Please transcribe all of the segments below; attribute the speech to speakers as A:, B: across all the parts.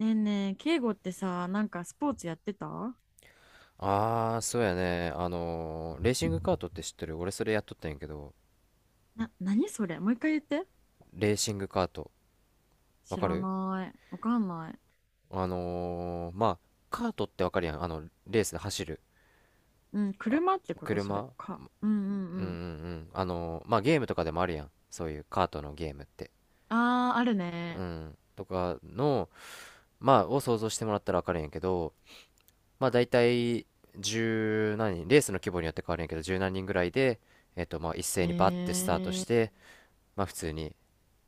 A: ねえねえ、敬語ってさ、なんかスポーツやってたな。
B: ああ、そうやね。レーシングカートって知ってる？俺それやっとったんやけど、
A: 何それ？もう一回言って。
B: レーシングカート、わ
A: 知
B: か
A: ら
B: る？
A: ない。わかんない。
B: あのーまあ、カートってわかるやん。レースで走る
A: うん、車ってことそれ
B: 車。
A: か。うんうん
B: う
A: う
B: んうんう
A: ん。
B: ん。まあ、ゲームとかでもあるやん。そういうカートのゲームって。
A: ああ、ある
B: う
A: ね。
B: ん。とかの、まあ、を想像してもらったらわかるんやけど、まあ、大体、十何人、レースの規模によって変わるんやけど、十何人ぐらいで、まあ、一
A: え
B: 斉にバッてスタートし
A: ー、
B: て、まあ、普通に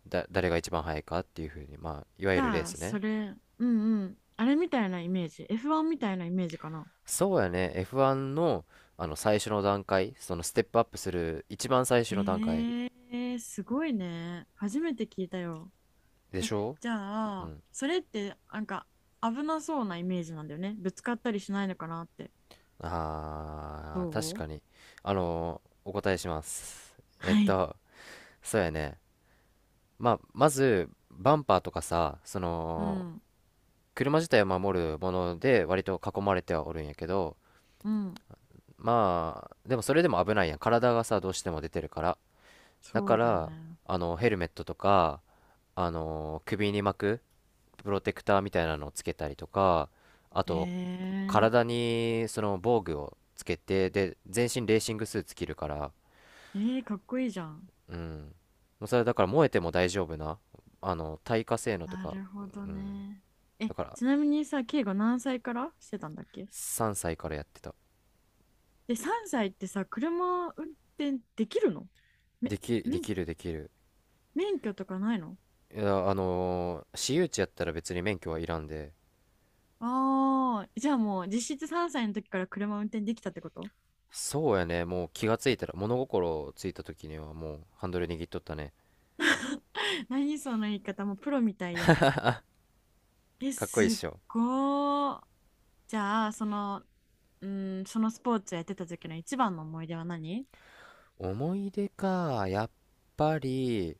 B: 誰が一番速いかっていうふうに、まあ、いわ
A: じ
B: ゆるレー
A: ゃあ、
B: ス
A: そ
B: ね。
A: れ、うんうん。あれみたいなイメージ。F1 みたいなイメージかな。
B: そうやね、F1 の、あの、最初の段階、そのステップアップする一番最初の段階
A: へえ、すごいね。初めて聞いたよ。
B: で
A: え、
B: しょ。
A: じゃ
B: う
A: あ、
B: ん。
A: それってなんか危なそうなイメージなんだよね。ぶつかったりしないのかなって。
B: あー、確
A: どう？
B: かに。お答えします。
A: はい。
B: そうやね。まあ、まず、バンパーとかさ、そ
A: う
B: の、
A: ん。
B: 車自体を守るもので割と囲まれてはおるんやけど、
A: うん。
B: まあ、でもそれでも危ないやん。体がさ、どうしても出てるから。だ
A: そ
B: か
A: うだよ
B: ら、
A: ね。
B: あの、ヘルメットとか、首に巻くプロテクターみたいなのをつけたりとか、あと
A: え
B: 体にその防具をつけて、で全身レーシングスーツ着るから。
A: ー、えー、かっこいいじゃん。
B: うん、もうそれだから燃えても大丈夫な、あの耐火性能と
A: な
B: か。
A: るほど
B: うん。
A: ね。え、
B: だから
A: ちなみにさ、ケイが何歳からしてたんだっけ？
B: 3歳からやってた。
A: で、3歳ってさ、車運転できるの？め、
B: でき、で
A: 免
B: きるできる
A: 免許とかないの？
B: いや、私有地やったら別に免許はいらんで。
A: ああー、じゃあもう実質3歳の時から車運転できたってこと？
B: そうやね、もう気がついたら、物心ついた時にはもうハンドル握っとったね。
A: 何その言い方もうプロみたいやん。え、
B: かっこいいっ
A: すっ
B: しょ？
A: ごー。じゃあ、その、うん、そのスポーツやってた時の一番の思い出は何？
B: 思い出か、やっぱり、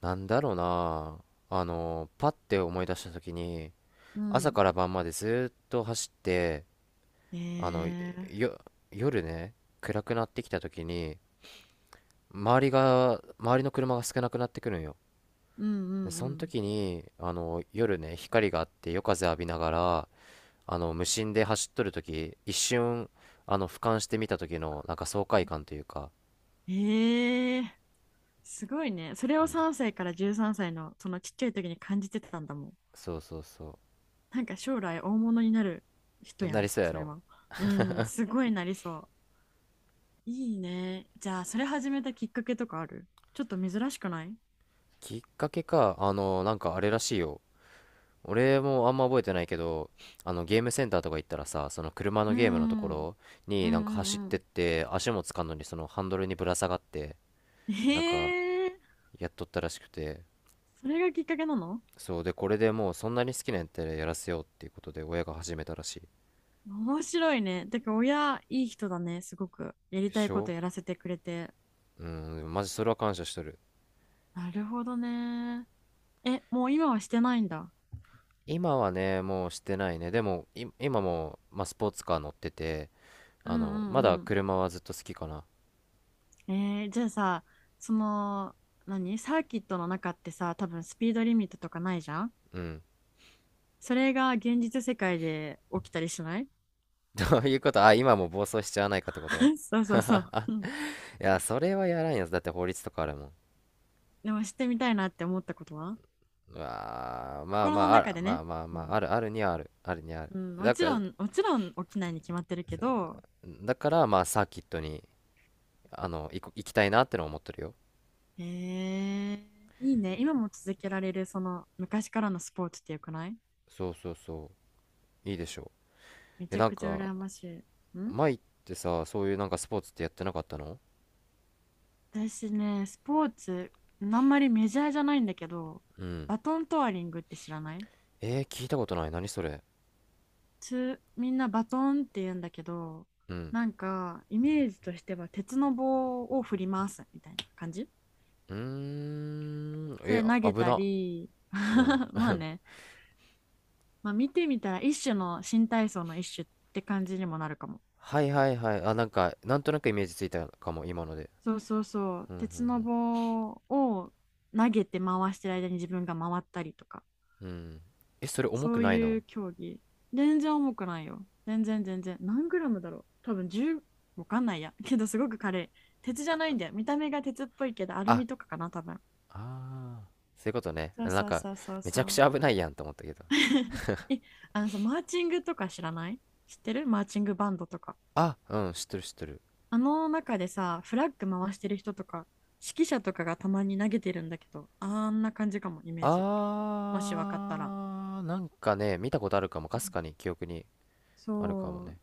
B: なんだろうな。あの、パッて思い出した時に、
A: う
B: 朝
A: ん。
B: から晩までずっと走って、
A: え
B: あの、
A: え、
B: よ、夜ね、暗くなってきた時に、周りの車が少なくなってくるんよ。
A: うんう
B: で、その
A: ん
B: 時に、あの、夜ね、光があって夜風浴びながら、あの、無心で走っとる時、一瞬、あの、俯瞰してみた時の、なんか爽快感というか、
A: うん。ええ、すごいね。それを3歳から13歳のそのちっちゃい時に感じてたんだもん。
B: そうそうそう。
A: なんか将来大物になる人
B: え
A: や
B: なり
A: ん、
B: そうや
A: それ
B: ろ。
A: は。うん、すごいなりそう。いいね。じゃあ、それ始めたきっかけとかある？ちょっと珍しくない？
B: きっかけか、あの、なんかあれらしいよ。俺もあんま覚えてないけど、あの、ゲームセンターとか行ったらさ、その車の
A: う
B: ゲームのとこ
A: んうん
B: ろ
A: う
B: になんか走っ
A: ん
B: てっ
A: う
B: て、足もつかんのにそのハンドルにぶら下がって、
A: ん。
B: なんか
A: へえー、
B: やっとったらしくて、
A: それがきっかけなの？
B: そう。で、これでもうそんなに好きなんやったらやらせようっていうことで親が始めたらしい。
A: 面白いね。てか、親、いい人だね、すごく。やり
B: で
A: た
B: し
A: いこ
B: ょ。
A: とやらせてくれて。
B: うん、でもマジそれは感謝しとる。
A: なるほどね。え、もう今はしてないんだ。
B: 今はね、もうしてないね。でも、い今も、まあ、スポーツカー乗ってて、
A: う
B: あ
A: ん
B: の、
A: う
B: まだ
A: んう
B: 車はずっと好きかな。
A: ん。じゃあさ、その、何サーキットの中ってさ、多分スピードリミットとかないじゃん。
B: うん。
A: それが現実世界で起きたりしない？
B: そういうこと、あ、今も暴走しちゃわないかってこと？
A: そう そう
B: い
A: そう。うん。
B: や、それはやらんやつ。だって法律とかあるもん。
A: でもしてみたいなって思ったことは？
B: うわー、まあ
A: 心
B: ま
A: の
B: あ、あ
A: 中
B: ら、
A: で
B: ま
A: ね。
B: あまあ
A: う
B: まあ、
A: ん。
B: ある、あるにはある、あるにはある。
A: うん、も
B: だ
A: ち
B: か
A: ろ
B: ら、
A: ん、もちろん起きないに決まってるけ
B: そ
A: ど、
B: う。だから、まあ、サーキットに、あの、行きたいなってのは思ってるよ。
A: えいいね。今も続けられる、その昔からのスポーツってよくない？
B: そうそうそう。いいでしょ。
A: め
B: う。え、
A: ちゃ
B: なん
A: くちゃ
B: か、
A: 羨ましい。ん。
B: 前ってさ、そういうなんかスポーツってやってなかったの？
A: 私ね、スポーツ、あんまりメジャーじゃないんだけど、
B: うん。
A: バトントワリングって知らない？
B: えー、聞いたことない。何それ。
A: みんなバトンって言うんだけど、
B: うん。
A: なんか、イメージとしては鉄の棒を振りますみたいな感じ。
B: うーん。
A: そ
B: え、
A: れ投
B: あ
A: げ
B: 危
A: た
B: な。
A: り
B: うん。
A: まあね、まあ、見てみたら一種の新体操の一種って感じにもなるかも。
B: はいはいはい。あ、なんか、なんとなくイメージついたかも、今ので。
A: そうそうそう、
B: うんうん
A: 鉄の棒を投げて回してる間に自分が回ったりとか。
B: うん。うん、えそれ重
A: そ
B: く
A: う
B: ない
A: い
B: の？
A: う競技。全然重くないよ。全然全然。何グラムだろう多分10、わかんないや。けどすごく軽い。鉄じゃないんだよ。見た目が鉄っぽいけど、アル
B: あ
A: ミとかかな、多分。
B: あ、あーそういうことね、
A: そう
B: なん
A: そう
B: か
A: そうそう
B: めち
A: そ
B: ゃくち
A: う。
B: ゃ危ないやんと思ったけど。
A: え、あのさ、マーチングとか知らない？知ってる？マーチングバンドとか。
B: あ、うん、知ってる知ってる。
A: あの中でさ、フラッグ回してる人とか、指揮者とかがたまに投げてるんだけど、あんな感じかも、イメージ。もしわかったら。
B: あー、なんかね、見たことあるかも、かすかに記憶にあるかも
A: そ
B: ね。
A: う。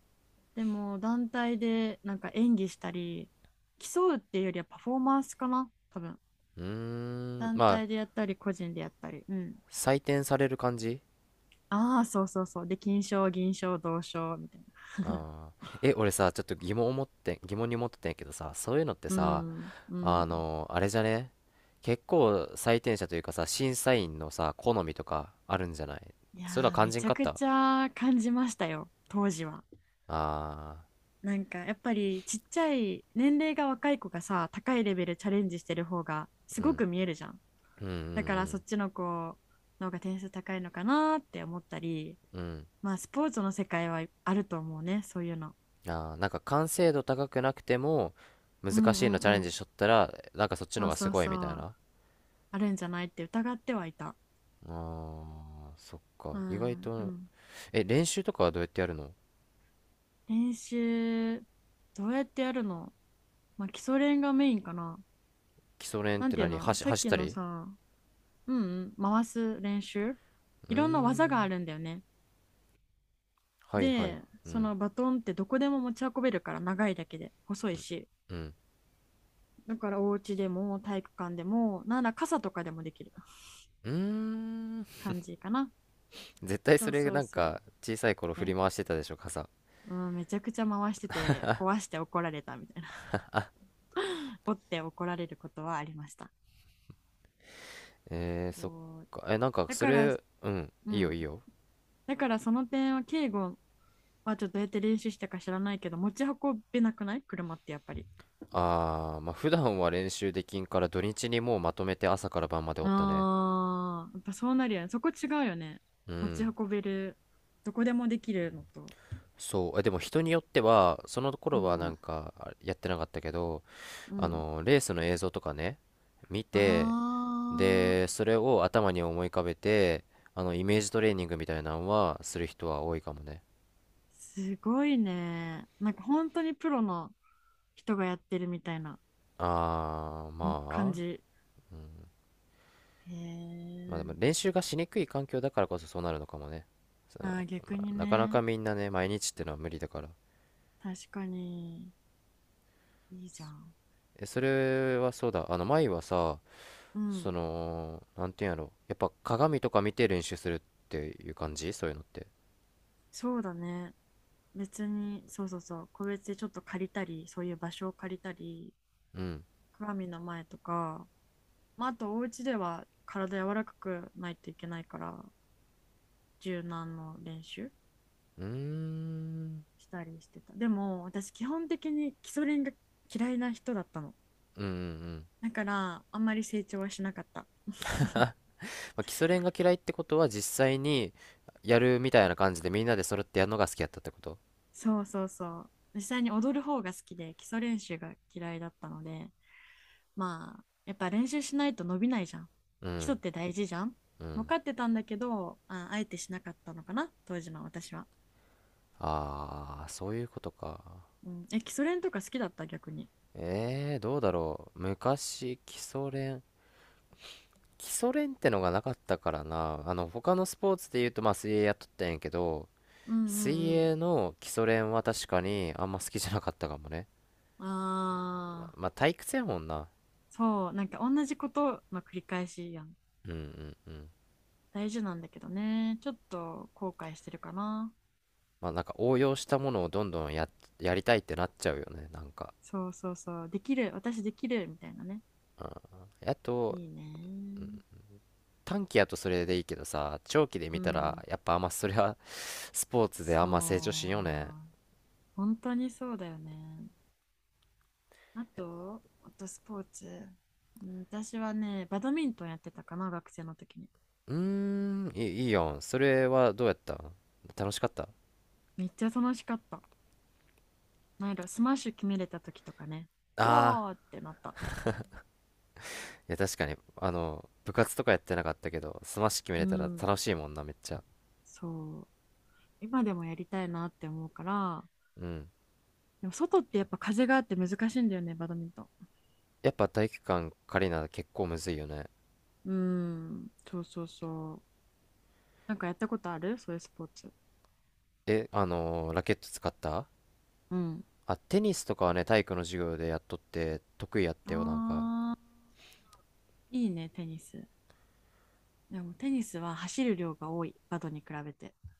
A: でも団体でなんか演技したり競うっていうよりはパフォーマンスかな多分。
B: うーん、
A: 団
B: まあ
A: 体でやったり個人でやったり。うん。
B: 採点される感じ？
A: ああ、そうそうそう、で金賞銀賞銅賞みたいな。
B: あー、え俺さ、ちょっと疑問を持って疑問に思ってたんやけどさ、そういうのって
A: う
B: さ、
A: んう
B: あ
A: ん。
B: の、あれじゃね？結構採点者というかさ、審査員のさ、好みとかあるんじゃない？
A: いや
B: それは
A: ー、
B: 肝
A: め
B: 心
A: ちゃ
B: かっ
A: く
B: た。
A: ちゃ感じましたよ当時は。
B: あ
A: なんかやっぱりちっちゃい年齢が若い子がさ高いレベルチャレンジしてる方がすごく見えるじゃん。
B: あー、う
A: だからそっ
B: ん
A: ちの子の方が点数高いのかなって思ったり、
B: うんうん。うん。
A: まあスポーツの世界はあると思うね、そういうの。
B: ああ、なんか完成度高くなくても、
A: う
B: 難
A: んう
B: しいの
A: ん
B: チ
A: う
B: ャレン
A: ん。
B: ジしとったら、なんかそっち
A: そ
B: の方
A: う
B: がす
A: そう
B: ごい
A: そ
B: みたい
A: う。
B: な。
A: あるんじゃないって疑ってはいた。
B: ああ、そっか。
A: う
B: 意外
A: ん、で
B: と、
A: も
B: え、練習とかはどうやってやるの？
A: 練習どうやってやるの？まあ基礎練がメインかな。
B: 基礎練っ
A: な
B: て
A: んていう
B: 何？
A: のさっ
B: 走っ
A: き
B: た
A: の
B: り？
A: さ、うんうん、回す練習。
B: うー
A: いろんな技があ
B: ん。
A: るんだよね。
B: はいはい。
A: で、
B: う
A: そ
B: ん。
A: のバトンってどこでも持ち運べるから長いだけで細いし。
B: うん。
A: だからお家でも体育館でも、なんなら傘とかでもできる
B: うーん。
A: 感じかな。
B: 絶対
A: そ
B: そ
A: う
B: れ
A: そう
B: なん
A: そ
B: か
A: う。
B: 小さい頃振
A: ね。
B: り回してたでしょ、傘。
A: うん、めちゃくちゃ回してて、壊して怒られたみたいな 折って怒られることはありました。
B: えー、そっ
A: そう。
B: か。え、なんか
A: だ
B: そ
A: から、
B: れ、うん、
A: う
B: いいよ
A: ん。
B: いいよ。
A: だからその点は、敬語はちょっとどうやって練習したか知らないけど、持ち運べなくない車ってやっぱり。
B: あー、まあ普段は練習できんから、土日にもうまとめて朝から晩までおったね。
A: ああ、やっぱそうなるよね。そこ違うよね。
B: う
A: 持ち
B: ん。
A: 運べる、どこでもできるのと。
B: そう、えでも人によってはその
A: う
B: 頃はなん
A: ん。
B: か、あやってなかったけど、
A: う
B: あ
A: ん。
B: のレースの映像とかね、見て、
A: あ
B: で
A: あ。
B: それを頭に思い浮かべて、あのイメージトレーニングみたいなのはする人は多いかもね。
A: すごいね。なんか本当にプロの人がやってるみたいな
B: あー、
A: 感
B: まあ、
A: じ。へ
B: まあでも
A: え。
B: 練習がしにくい環境だからこそそうなるのかもね。そ
A: あ
B: の、
A: あ、逆に
B: なかなか
A: ね。
B: みんなね、毎日ってのは無理だから。
A: 確かに。いいじゃん。
B: え、それはそうだ。あの、前はさ、
A: う
B: そ
A: ん。
B: の、なんていうんやろ。やっぱ鏡とか見て練習するっていう感じ、そういうのって。
A: そうだね。別に、そうそうそう。個別でちょっと借りたり、そういう場所を借りたり、
B: うん。
A: 鏡の前とか、まあ、あとお家では体柔らかくないといけないから、柔軟の練習
B: うーん。
A: したりしてた。でも、私基本的に基礎練が嫌いな人だったの。
B: うんうんうん。
A: だからあんまり成長はしなかった。
B: まあ、基礎練が嫌いってことは実際にやるみたいな感じで、みんなで揃ってやるのが好きやったってこと？
A: そうそうそう。実際に踊る方が好きで基礎練習が嫌いだったので、まあやっぱ練習しないと伸びないじゃん。
B: う
A: 基礎っ
B: ん。
A: て大事じゃん。
B: う
A: 分
B: ん。
A: かってたんだけど、あ、あえてしなかったのかな、当時の私は。
B: ああ、そういうことか。
A: うん、え、基礎練とか好きだった？逆に。
B: ええー、どうだろう。昔、基礎練。基礎練ってのがなかったからな。あの、他のスポーツで言うと、まあ、水泳やっとったんやけど、
A: うんう
B: 水
A: んう
B: 泳の基礎練は確かにあんま好きじゃなかったかもね。
A: ん。ああ、
B: まあ、退屈やもんな。
A: そう、なんか同じことの繰り返しやん。
B: うんうんうん。
A: 大事なんだけどね、ちょっと後悔してるかな。
B: まあ、なんか応用したものをどんどんや、やりたいってなっちゃうよね、なんか。
A: そうそうそう、できる、私できるみたいなね。
B: うん。あと、
A: いいね。
B: 短期やとそれでいいけどさ、長期で
A: う
B: 見たら、
A: ん。
B: やっぱあんまそれは スポーツであんま成長しん
A: そ
B: よね。
A: う。本当にそうだよね。あとスポーツ。うん私はね、バドミントンやってたかな、学生の時に。
B: うーん、いい、いいやん。それはどうやったん？楽しかった？
A: めっちゃ楽しかった。なんやろう、スマッシュ決めれた時とかね。う
B: ああ。
A: わーってなった。
B: いや、確かに、あの、部活とかやってなかったけど、スマッシュ決め
A: う
B: れたら
A: ん。
B: 楽しいもんな、めっちゃ。
A: そう。今でもやりたいなって思うから。
B: うん。
A: でも外ってやっぱ風があって難しいんだよね、バドミントン。
B: やっぱ体育館借りな結構むずいよね。
A: うん。そうそうそう。なんかやったことあるそういうスポーツ？
B: え、ラケット使った？
A: うん。
B: あ、テニスとかはね、体育の授業でやっとって、得意やったよ、なんか。
A: あーいいね、テニス。でもテニスは走る量が多い、バドに比べて。